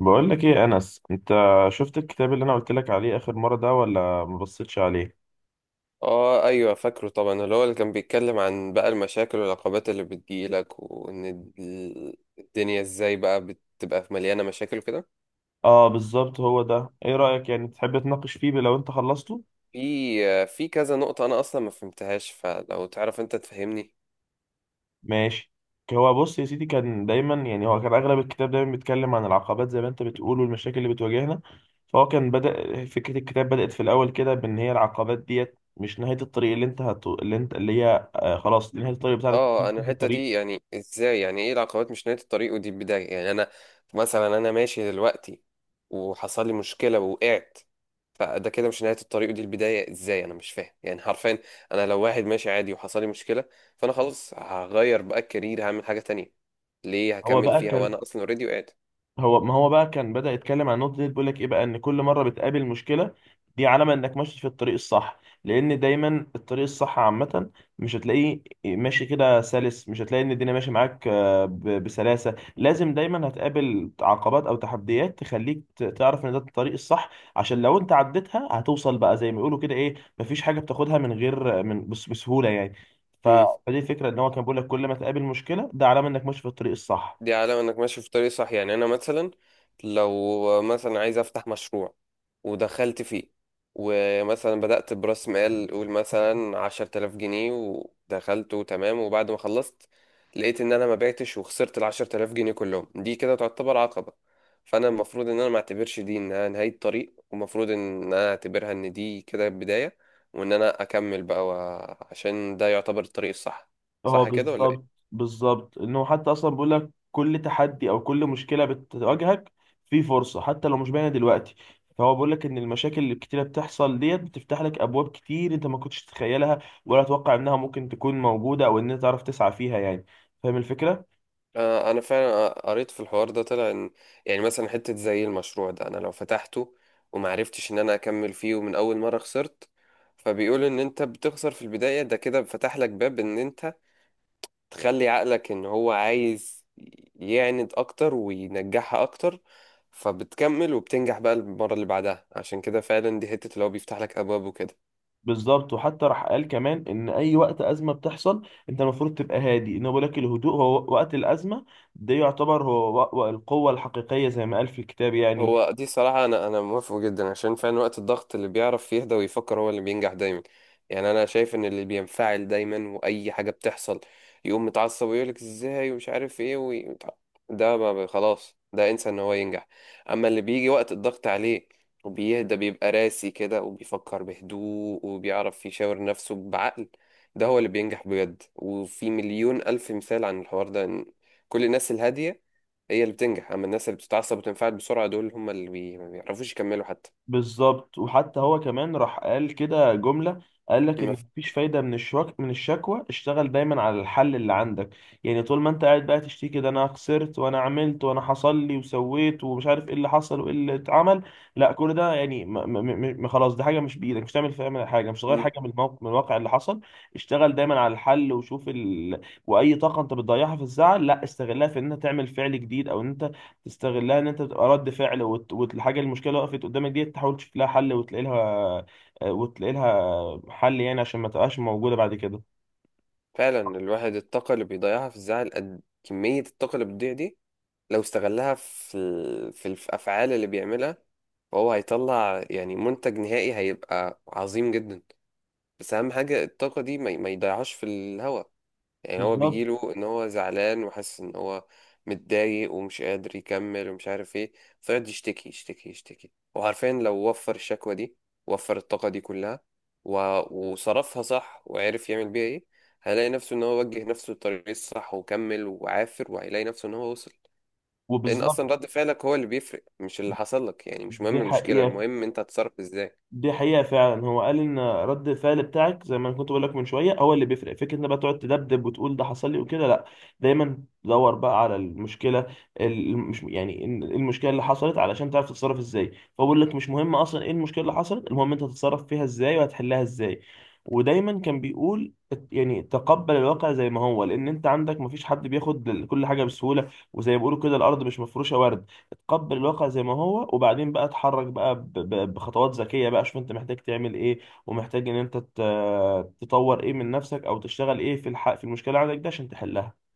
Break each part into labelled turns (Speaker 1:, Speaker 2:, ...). Speaker 1: بقول لك ايه يا انس؟ انت شفت الكتاب اللي انا قلت لك عليه اخر مره ده ولا؟ ما بصيتش عليه.
Speaker 2: اه ايوه، فاكره طبعا. اللي هو اللي كان بيتكلم عن بقى المشاكل والعقبات اللي بتجيلك، وان الدنيا ازاي بقى بتبقى مليانه مشاكل وكده.
Speaker 1: اه، بالظبط، هو ده. ايه رايك؟ يعني تحب تناقش فيه لو انت خلصته؟
Speaker 2: في كذا نقطه انا اصلا ما فهمتهاش، فلو تعرف انت تفهمني.
Speaker 1: ماشي. هو بص يا سيدي، كان دايما، يعني هو كان اغلب الكتاب دايما بيتكلم عن العقبات، زي ما انت بتقول، والمشاكل اللي بتواجهنا. فهو كان بدأ فكره الكتاب، بدأت في الاول كده بان هي العقبات ديت مش نهايه الطريق. اللي انت هت... اللي انت اللي هي خلاص دي نهايه الطريق بتاعتك،
Speaker 2: اه،
Speaker 1: مش
Speaker 2: انا
Speaker 1: نهايه
Speaker 2: الحته
Speaker 1: الطريق.
Speaker 2: دي يعني ازاي؟ يعني ايه العقبات مش نهايه الطريق ودي البدايه؟ يعني انا مثلا، انا ماشي دلوقتي وحصل لي مشكله ووقعت، فده كده مش نهاية الطريق ودي البداية ازاي؟ انا مش فاهم يعني حرفيا. انا لو واحد ماشي عادي وحصل لي مشكلة، فانا خلاص هغير بقى الكارير، هعمل حاجة تانية. ليه
Speaker 1: هو
Speaker 2: هكمل
Speaker 1: بقى
Speaker 2: فيها
Speaker 1: كان
Speaker 2: وانا اصلا اوريدي وقعت؟
Speaker 1: هو ما هو بقى كان بدأ يتكلم عن النقطة دي. بيقول لك ايه بقى؟ ان كل مرة بتقابل مشكلة، دي علامة انك ماشي في الطريق الصح. لان دايما الطريق الصح عامة مش هتلاقيه ماشي كده سلس، مش هتلاقي ان الدنيا ماشية معاك بسلاسة. لازم دايما هتقابل عقبات او تحديات تخليك تعرف ان ده الطريق الصح. عشان لو انت عديتها هتوصل بقى، زي ما بيقولوا كده، ايه، مفيش حاجة بتاخدها من غير بسهولة يعني. ف- فدي الفكرة، ان هو كان بيقول لك كل ما تقابل مشكلة ده علامة انك ماشي في الطريق الصح.
Speaker 2: دي علامة انك ماشي في طريق صح؟ يعني انا مثلا لو مثلا عايز افتح مشروع ودخلت فيه، ومثلا بدأت برأس مال، قول مثلا 10 آلاف جنيه، ودخلت وتمام، وبعد ما خلصت لقيت ان انا ما بعتش وخسرت ال10 آلاف جنيه كلهم، دي كده تعتبر عقبة. فانا المفروض ان انا ما اعتبرش دي انها نهاية طريق، ومفروض ان انا اعتبرها ان دي كده بداية، وان انا اكمل بقى عشان ده يعتبر الطريق الصح.
Speaker 1: اه،
Speaker 2: صح كده ولا
Speaker 1: بالظبط.
Speaker 2: إيه؟
Speaker 1: بالظبط، انه حتى اصلا بيقول لك كل تحدي او كل مشكله بتواجهك في فرصه حتى لو مش باينه دلوقتي. فهو بيقول لك ان المشاكل اللي كتيره بتحصل ديت بتفتح لك ابواب كتير انت ما كنتش تتخيلها، ولا تتوقع انها ممكن تكون موجوده، او ان انت تعرف تسعى فيها يعني. فاهم الفكره؟
Speaker 2: انا فعلا قريت في الحوار ده، طلع ان يعني مثلا حته زي المشروع ده، انا لو فتحته ومعرفتش ان انا اكمل فيه، ومن اول مره خسرت، فبيقول ان انت بتخسر في البدايه، ده كده فتح لك باب ان انت تخلي عقلك ان هو عايز يعند اكتر وينجحها اكتر، فبتكمل وبتنجح بقى المره اللي بعدها. عشان كده فعلا دي حته اللي هو بيفتح لك ابواب وكده.
Speaker 1: بالظبط. وحتى راح قال كمان ان اي وقت ازمه بتحصل انت المفروض تبقى هادي. انه بيقول لك الهدوء هو وقت الازمه، ده يعتبر هو القوه الحقيقيه، زي ما قال في الكتاب يعني.
Speaker 2: هو دي صراحة، أنا موافقه جدا، عشان فعلا وقت الضغط اللي بيعرف يهدى ويفكر هو اللي بينجح دايما. يعني أنا شايف إن اللي بينفعل دايما وأي حاجة بتحصل يقوم متعصب ويقولك إزاي ومش عارف إيه ده ما بي- خلاص ده انسى إن هو ينجح. أما اللي بيجي وقت الضغط عليه وبيهدى، بيبقى راسي كده وبيفكر بهدوء وبيعرف يشاور نفسه بعقل، ده هو اللي بينجح بجد. وفي مليون ألف مثال عن الحوار ده، إن كل الناس الهادية هي اللي بتنجح، اما الناس اللي بتتعصب وتنفعل بسرعه دول هم اللي ما بيعرفوش يكملوا حتى.
Speaker 1: بالظبط. وحتى هو كمان راح قال كده جملة، قال لك ان
Speaker 2: ما ف-
Speaker 1: مفيش فايدة من الشكوى، اشتغل دايما على الحل اللي عندك. يعني طول ما انت قاعد بقى تشتكي، ده انا خسرت وانا عملت وانا حصل لي وسويت ومش عارف ايه اللي حصل وايه اللي اتعمل، لا. كل ده، يعني م م م خلاص، دي حاجة مش بإيدك، مش تعمل فيها حاجة، مش تغير
Speaker 2: مم.
Speaker 1: حاجة من الموقف من الواقع اللي حصل. اشتغل دايما على الحل، واي طاقة انت بتضيعها في الزعل، لا، استغلها في ان انت تعمل فعل جديد، او ان انت تستغلها ان انت تبقى رد فعل، والحاجه المشكله، وقفت قدامك دي، تحاول تشوف لها حل وتلاقي لها وتلاقي لها حل، يعني عشان ما تبقاش موجوده بعد كده.
Speaker 2: فعلا الواحد الطاقه اللي بيضيعها في الزعل، قد كميه الطاقه اللي بتضيع دي لو استغلها في في الافعال اللي بيعملها، فهو هيطلع يعني منتج نهائي هيبقى عظيم جدا. بس اهم حاجه الطاقه دي ما يضيعهاش في الهوا. يعني هو
Speaker 1: بالظبط.
Speaker 2: بيجيله ان هو زعلان وحاسس ان هو متضايق ومش قادر يكمل ومش عارف ايه، فيقعد يشتكي يشتكي يشتكي. وعارفين لو وفر الشكوى دي، وفر الطاقة دي كلها و... وصرفها صح وعرف يعمل بيها ايه، هيلاقي نفسه ان هو وجه نفسه للطريق الصح وكمل وعافر، وهيلاقي نفسه ان هو وصل. لان
Speaker 1: وبالظبط.
Speaker 2: اصلا رد فعلك هو اللي بيفرق مش اللي حصل لك. يعني مش مهم
Speaker 1: دي
Speaker 2: المشكلة،
Speaker 1: حقيقه.
Speaker 2: المهم انت هتتصرف ازاي.
Speaker 1: دي حقيقة فعلا. هو قال ان رد الفعل بتاعك، زي ما أنا كنت بقول لك من شوية، هو اللي بيفرق. فكرة ان بقى تقعد تدبدب وتقول ده حصل لي وكده، لا. دايما دور بقى على المشكلة. ال- مش يعني إن- المشكلة اللي حصلت علشان تعرف تتصرف ازاي. فهو بيقول لك مش مهم اصلا ايه المشكلة اللي حصلت، المهم انت هتتصرف فيها ازاي وهتحلها ازاي. ودايما كان بيقول يعني تقبل الواقع زي ما هو، لان انت عندك مفيش حد بياخد كل حاجة بسهولة، وزي ما بيقولوا كده الارض مش مفروشة ورد. اتقبل الواقع زي ما هو، وبعدين بقى اتحرك بقى بخطوات ذكية بقى، شوف انت محتاج تعمل ايه، ومحتاج ان انت تطور ايه من نفسك، او تشتغل ايه في الحق في المشكلة عندك ده عشان تحلها.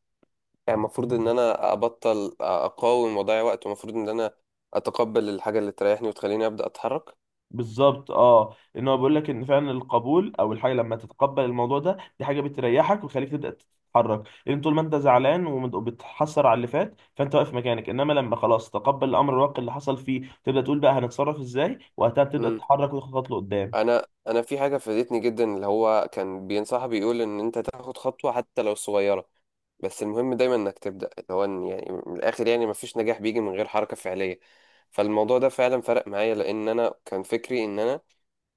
Speaker 2: يعني المفروض ان انا ابطل اقاوم واضيع وقت، ومفروض ان انا اتقبل الحاجه اللي تريحني وتخليني ابدا اتحرك.
Speaker 1: بالظبط، اه. ان هو بيقول لك ان فعلا القبول، او الحاجه لما تتقبل الموضوع ده، دي حاجه بتريحك وتخليك تبدا تتحرك. لان طول ما انت زعلان وبتحسر على اللي فات، فانت واقف مكانك. انما لما خلاص تقبل الامر الواقع اللي حصل فيه، تبدا تقول بقى هنتصرف ازاي. وقتها بتبدا
Speaker 2: مم.
Speaker 1: تتحرك وتاخد خطوه لقدام.
Speaker 2: انا في حاجه فادتني جدا، اللي هو كان بينصح بيقول ان انت تاخد خطوه حتى لو صغيره، بس المهم دايما انك تبدا. اللي هو إن يعني من الاخر يعني مفيش نجاح بيجي من غير حركه فعليه. فالموضوع ده فعلا فرق معايا، لان انا كان فكري ان انا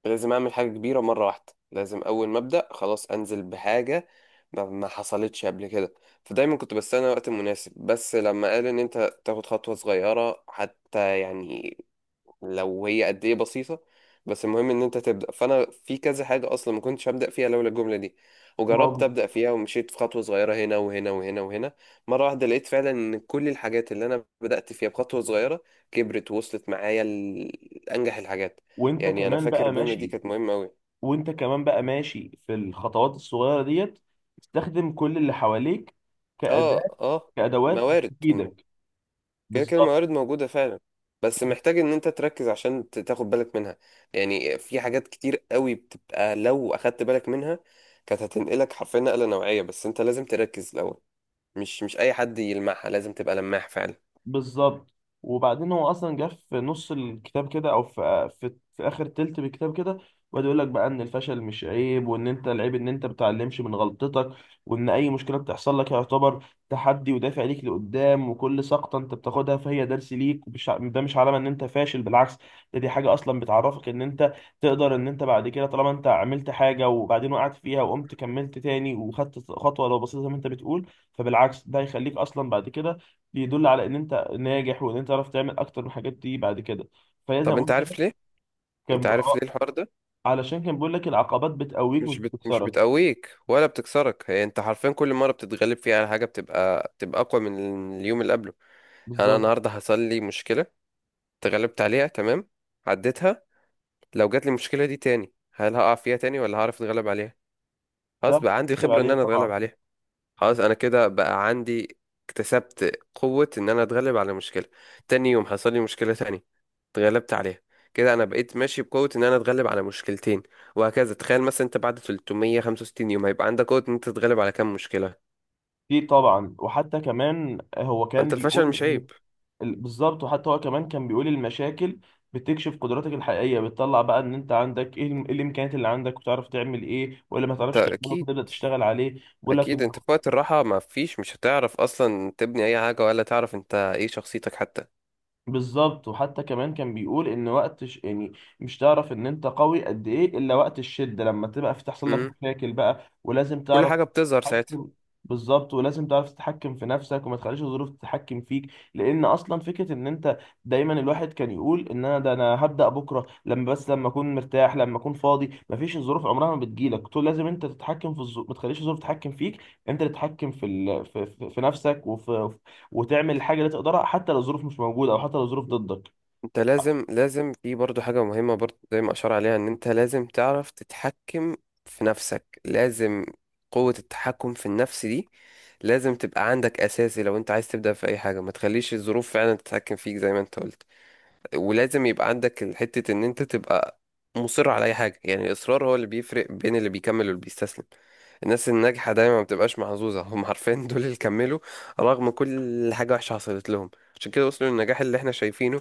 Speaker 2: لازم اعمل حاجه كبيره مره واحده، لازم اول ما ابدا خلاص انزل بحاجه ما حصلتش قبل كده، فدايما كنت بستنى وقت مناسب. بس لما قال ان انت تاخد خطوه صغيره حتى، يعني لو هي قد ايه بسيطة، بس المهم ان انت تبدأ، فانا في كذا حاجة اصلا ما كنتش هبدأ فيها لولا الجملة دي.
Speaker 1: ما
Speaker 2: وجربت
Speaker 1: هو-
Speaker 2: ابدأ فيها ومشيت في خطوة صغيرة هنا وهنا وهنا وهنا، مرة واحدة لقيت فعلا ان كل الحاجات اللي انا بدأت فيها بخطوة صغيرة كبرت ووصلت معايا لانجح الحاجات.
Speaker 1: وانت
Speaker 2: يعني انا
Speaker 1: كمان
Speaker 2: فاكر
Speaker 1: بقى
Speaker 2: الجملة دي
Speaker 1: ماشي.
Speaker 2: كانت مهمة قوي.
Speaker 1: وانت كمان بقى ماشي في الخطوات الصغيره ديت، تستخدم كل اللي حواليك
Speaker 2: اه،
Speaker 1: كأداة،
Speaker 2: اه.
Speaker 1: كأدوات
Speaker 2: موارد.
Speaker 1: تفيدك.
Speaker 2: كده كده
Speaker 1: بالظبط.
Speaker 2: الموارد موجودة فعلا، بس محتاج ان انت تركز عشان تاخد بالك منها. يعني في حاجات كتير قوي بتبقى لو اخدت بالك منها كانت هتنقلك حرفيا نقلة نوعية، بس انت لازم تركز الاول. مش اي حد يلمعها، لازم تبقى لماح فعلا.
Speaker 1: بالظبط. وبعدين هو اصلا جه في نص الكتاب كده، او في, اخر تلت بالكتاب كده، وقعد يقول لك بقى ان الفشل مش عيب، وان انت العيب ان انت بتتعلمش من غلطتك. وان اي مشكله بتحصل لك يعتبر تحدي ودافع ليك لقدام، وكل سقطه انت بتاخدها فهي درس ليك، ده مش علامه ان انت فاشل، بالعكس. ده دي حاجه اصلا بتعرفك ان انت تقدر. ان انت بعد كده، طالما انت عملت حاجه وبعدين وقعت فيها وقمت كملت تاني وخدت خطوه لو بسيطه زي ما انت بتقول، فبالعكس ده هيخليك اصلا بعد كده. بيدل على ان انت ناجح، وان انت تعرف تعمل اكتر من الحاجات دي بعد كده. فهي زي ما
Speaker 2: طب انت
Speaker 1: بقول كده،
Speaker 2: عارف ليه؟ انت
Speaker 1: كان ب...
Speaker 2: عارف ليه
Speaker 1: آه،
Speaker 2: الحوار ده؟
Speaker 1: علشان كان بيقول لك العقبات بتقويك مش
Speaker 2: مش
Speaker 1: بتكسرك.
Speaker 2: بتقويك ولا بتكسرك، هي انت حرفيا كل مرة بتتغلب فيها على حاجة بتبقى اقوى من اليوم اللي قبله. يعني انا
Speaker 1: بالظبط.
Speaker 2: النهاردة حصل لي مشكلة، اتغلبت عليها تمام، عديتها. لو جات لي المشكله دي تاني، هل هقع فيها تاني ولا هعرف اتغلب عليها؟
Speaker 1: ده
Speaker 2: خلاص بقى عندي
Speaker 1: بتتكلم
Speaker 2: الخبره ان
Speaker 1: عليها
Speaker 2: انا اتغلب
Speaker 1: طبعا.
Speaker 2: عليها. خلاص انا كده بقى عندي، اكتسبت قوه ان انا اتغلب على مشكله. تاني يوم حصل لي مشكله تانية، اتغلبت عليها، كده انا بقيت ماشي بقوه ان انا اتغلب على مشكلتين. وهكذا تخيل مثلا انت بعد 365 يوم هيبقى عندك قوه ان انت تتغلب على كام مشكله.
Speaker 1: دي طبعا. وحتى كمان هو كان
Speaker 2: انت الفشل
Speaker 1: بيقول
Speaker 2: مش
Speaker 1: ان
Speaker 2: عيب.
Speaker 1: بالظبط. وحتى هو كمان كان بيقول المشاكل بتكشف قدراتك الحقيقيه، بتطلع بقى ان انت عندك ايه إيه الامكانيات اللي عندك، وتعرف تعمل ايه ولا ما
Speaker 2: انت
Speaker 1: تعرفش تعمله،
Speaker 2: اكيد،
Speaker 1: فتبدا تشتغل عليه. بيقول لك،
Speaker 2: اكيد انت في وقت الراحه ما فيش، مش هتعرف اصلا تبني اي حاجه ولا تعرف انت ايه شخصيتك حتى.
Speaker 1: بالظبط. وحتى كمان كان بيقول ان يعني مش تعرف ان انت قوي قد ايه الا وقت الشده، لما تبقى في تحصل لك
Speaker 2: امم
Speaker 1: مشاكل بقى ولازم
Speaker 2: كل
Speaker 1: تعرف
Speaker 2: حاجه بتظهر ساعتها.
Speaker 1: تتحكم. بالظبط. ولازم تعرف تتحكم في نفسك، وما تخليش الظروف تتحكم فيك. لان اصلا فكره ان انت دايما، الواحد كان يقول ان انا ده انا هبدا بكره لما، بس لما اكون مرتاح، لما اكون فاضي، مفيش، الظروف عمرها ما بتجيلك. طول لازم انت تتحكم في الظروف، ما تخليش الظروف تتحكم فيك. انت اللي تتحكم في ال... في... في في نفسك وفي، وتعمل الحاجه اللي تقدرها حتى لو الظروف مش موجوده، او حتى لو الظروف ضدك.
Speaker 2: انت لازم في برضو حاجة مهمة برضو زي ما اشار عليها، ان انت لازم تعرف تتحكم في نفسك. لازم قوة التحكم في النفس دي لازم تبقى عندك اساسي لو انت عايز تبدأ في اي حاجة، ما تخليش الظروف فعلا تتحكم فيك زي ما انت قلت. ولازم يبقى عندك حتة ان انت تبقى مصر على اي حاجة، يعني الاصرار هو اللي بيفرق بين اللي بيكمل واللي بيستسلم. الناس الناجحة دايما ما بتبقاش محظوظة، هم عارفين دول اللي كملوا رغم كل حاجة وحشة حصلت لهم، عشان كده وصلوا للنجاح اللي احنا شايفينه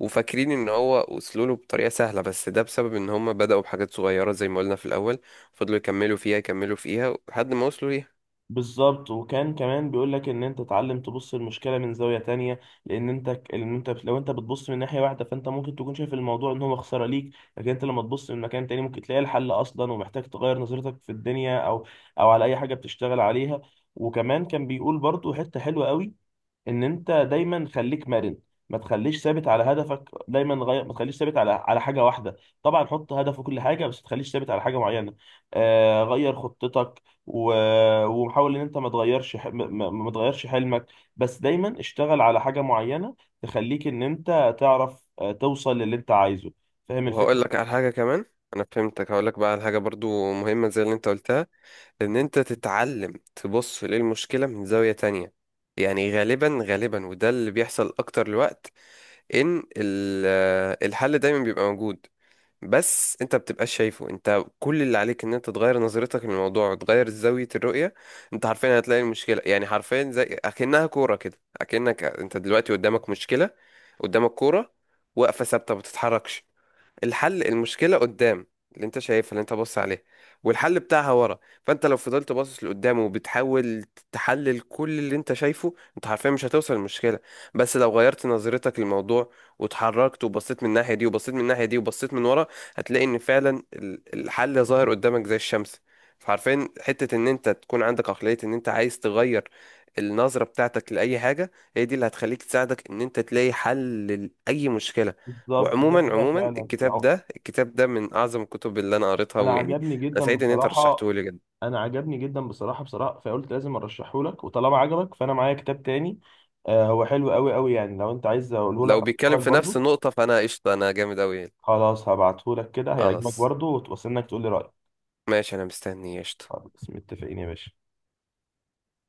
Speaker 2: وفاكرين ان هو وصلوا له بطريقة سهلة. بس ده بسبب ان هم بدأوا بحاجات صغيرة زي ما قلنا في الاول، فضلوا يكملوا فيها يكملوا فيها لحد ما وصلوا ليها.
Speaker 1: بالظبط. وكان كمان بيقول لك ان انت تتعلم تبص المشكله من زاويه تانية. لان انت لان انت لو انت بتبص من ناحيه واحده فانت ممكن تكون شايف الموضوع ان هو خساره ليك. لكن انت لما تبص من مكان تاني ممكن تلاقي الحل اصلا، ومحتاج تغير نظرتك في الدنيا، او او على اي حاجه بتشتغل عليها. وكمان كان بيقول برضو حته حلوه قوي، ان انت دايما خليك مرن، ما تخليش ثابت على هدفك دايما. غير، ما تخليش ثابت على حاجه واحده. طبعا حط هدف وكل حاجه، بس ما تخليش ثابت على حاجه معينه. آه، غير خطتك وحاول ان انت ما تغيرش ح... ما... ما ما تغيرش حلمك. بس دايما اشتغل على حاجه معينه تخليك ان انت تعرف توصل للي انت عايزه. فاهم
Speaker 2: وهقول
Speaker 1: الفكره؟
Speaker 2: لك على حاجة كمان، انا فهمتك. هقول لك بقى على حاجة برضو مهمة زي اللي انت قلتها، ان انت تتعلم تبص للمشكلة من زاوية تانية. يعني غالبا غالبا وده اللي بيحصل اكتر الوقت، ان الحل دايما بيبقى موجود بس انت بتبقاش شايفه. انت كل اللي عليك ان انت تغير نظرتك للموضوع وتغير زاوية الرؤية. انت حرفيا هتلاقي المشكلة، يعني حرفيا زي اكنها كورة كده، اكنك انت دلوقتي قدامك مشكلة، قدامك كورة واقفة ثابتة ما بتتحركش. الحل المشكلة قدام، اللي انت شايفها اللي انت بص عليها، والحل بتاعها ورا. فانت لو فضلت باصص لقدام وبتحاول تحلل كل اللي انت شايفه، انت حرفيا مش هتوصل للمشكلة. بس لو غيرت نظرتك للموضوع واتحركت، وبصيت من الناحية دي وبصيت من الناحية دي وبصيت من ورا، هتلاقي ان فعلا الحل ظاهر قدامك زي الشمس. فعارفين حتة ان انت تكون عندك عقلية ان انت عايز تغير النظرة بتاعتك لأي حاجة، هي دي اللي هتخليك تساعدك ان انت تلاقي حل لأي مشكلة.
Speaker 1: بالظبط، ده
Speaker 2: وعموما
Speaker 1: حقيقه
Speaker 2: عموما
Speaker 1: فعلا.
Speaker 2: الكتاب ده من اعظم الكتب اللي انا قريتها،
Speaker 1: انا
Speaker 2: ويعني
Speaker 1: عجبني
Speaker 2: انا
Speaker 1: جدا
Speaker 2: سعيد ان انت
Speaker 1: بصراحه.
Speaker 2: رشحته لي جدا.
Speaker 1: بصراحه، فقلت لازم ارشحه لك. وطالما عجبك، فانا معايا كتاب تاني. آه هو حلو قوي قوي يعني، لو انت عايز اقوله لك
Speaker 2: لو بيتكلم
Speaker 1: أقوله لك
Speaker 2: في نفس
Speaker 1: برضو.
Speaker 2: النقطه فانا قشطه، انا جامد اوي يعني.
Speaker 1: خلاص، هبعته لك كده هيعجبك
Speaker 2: خلاص،
Speaker 1: برضو، وتوصل انك تقول لي رايك.
Speaker 2: ماشي، انا مستني قشطه.
Speaker 1: خلاص، متفقين يا باشا.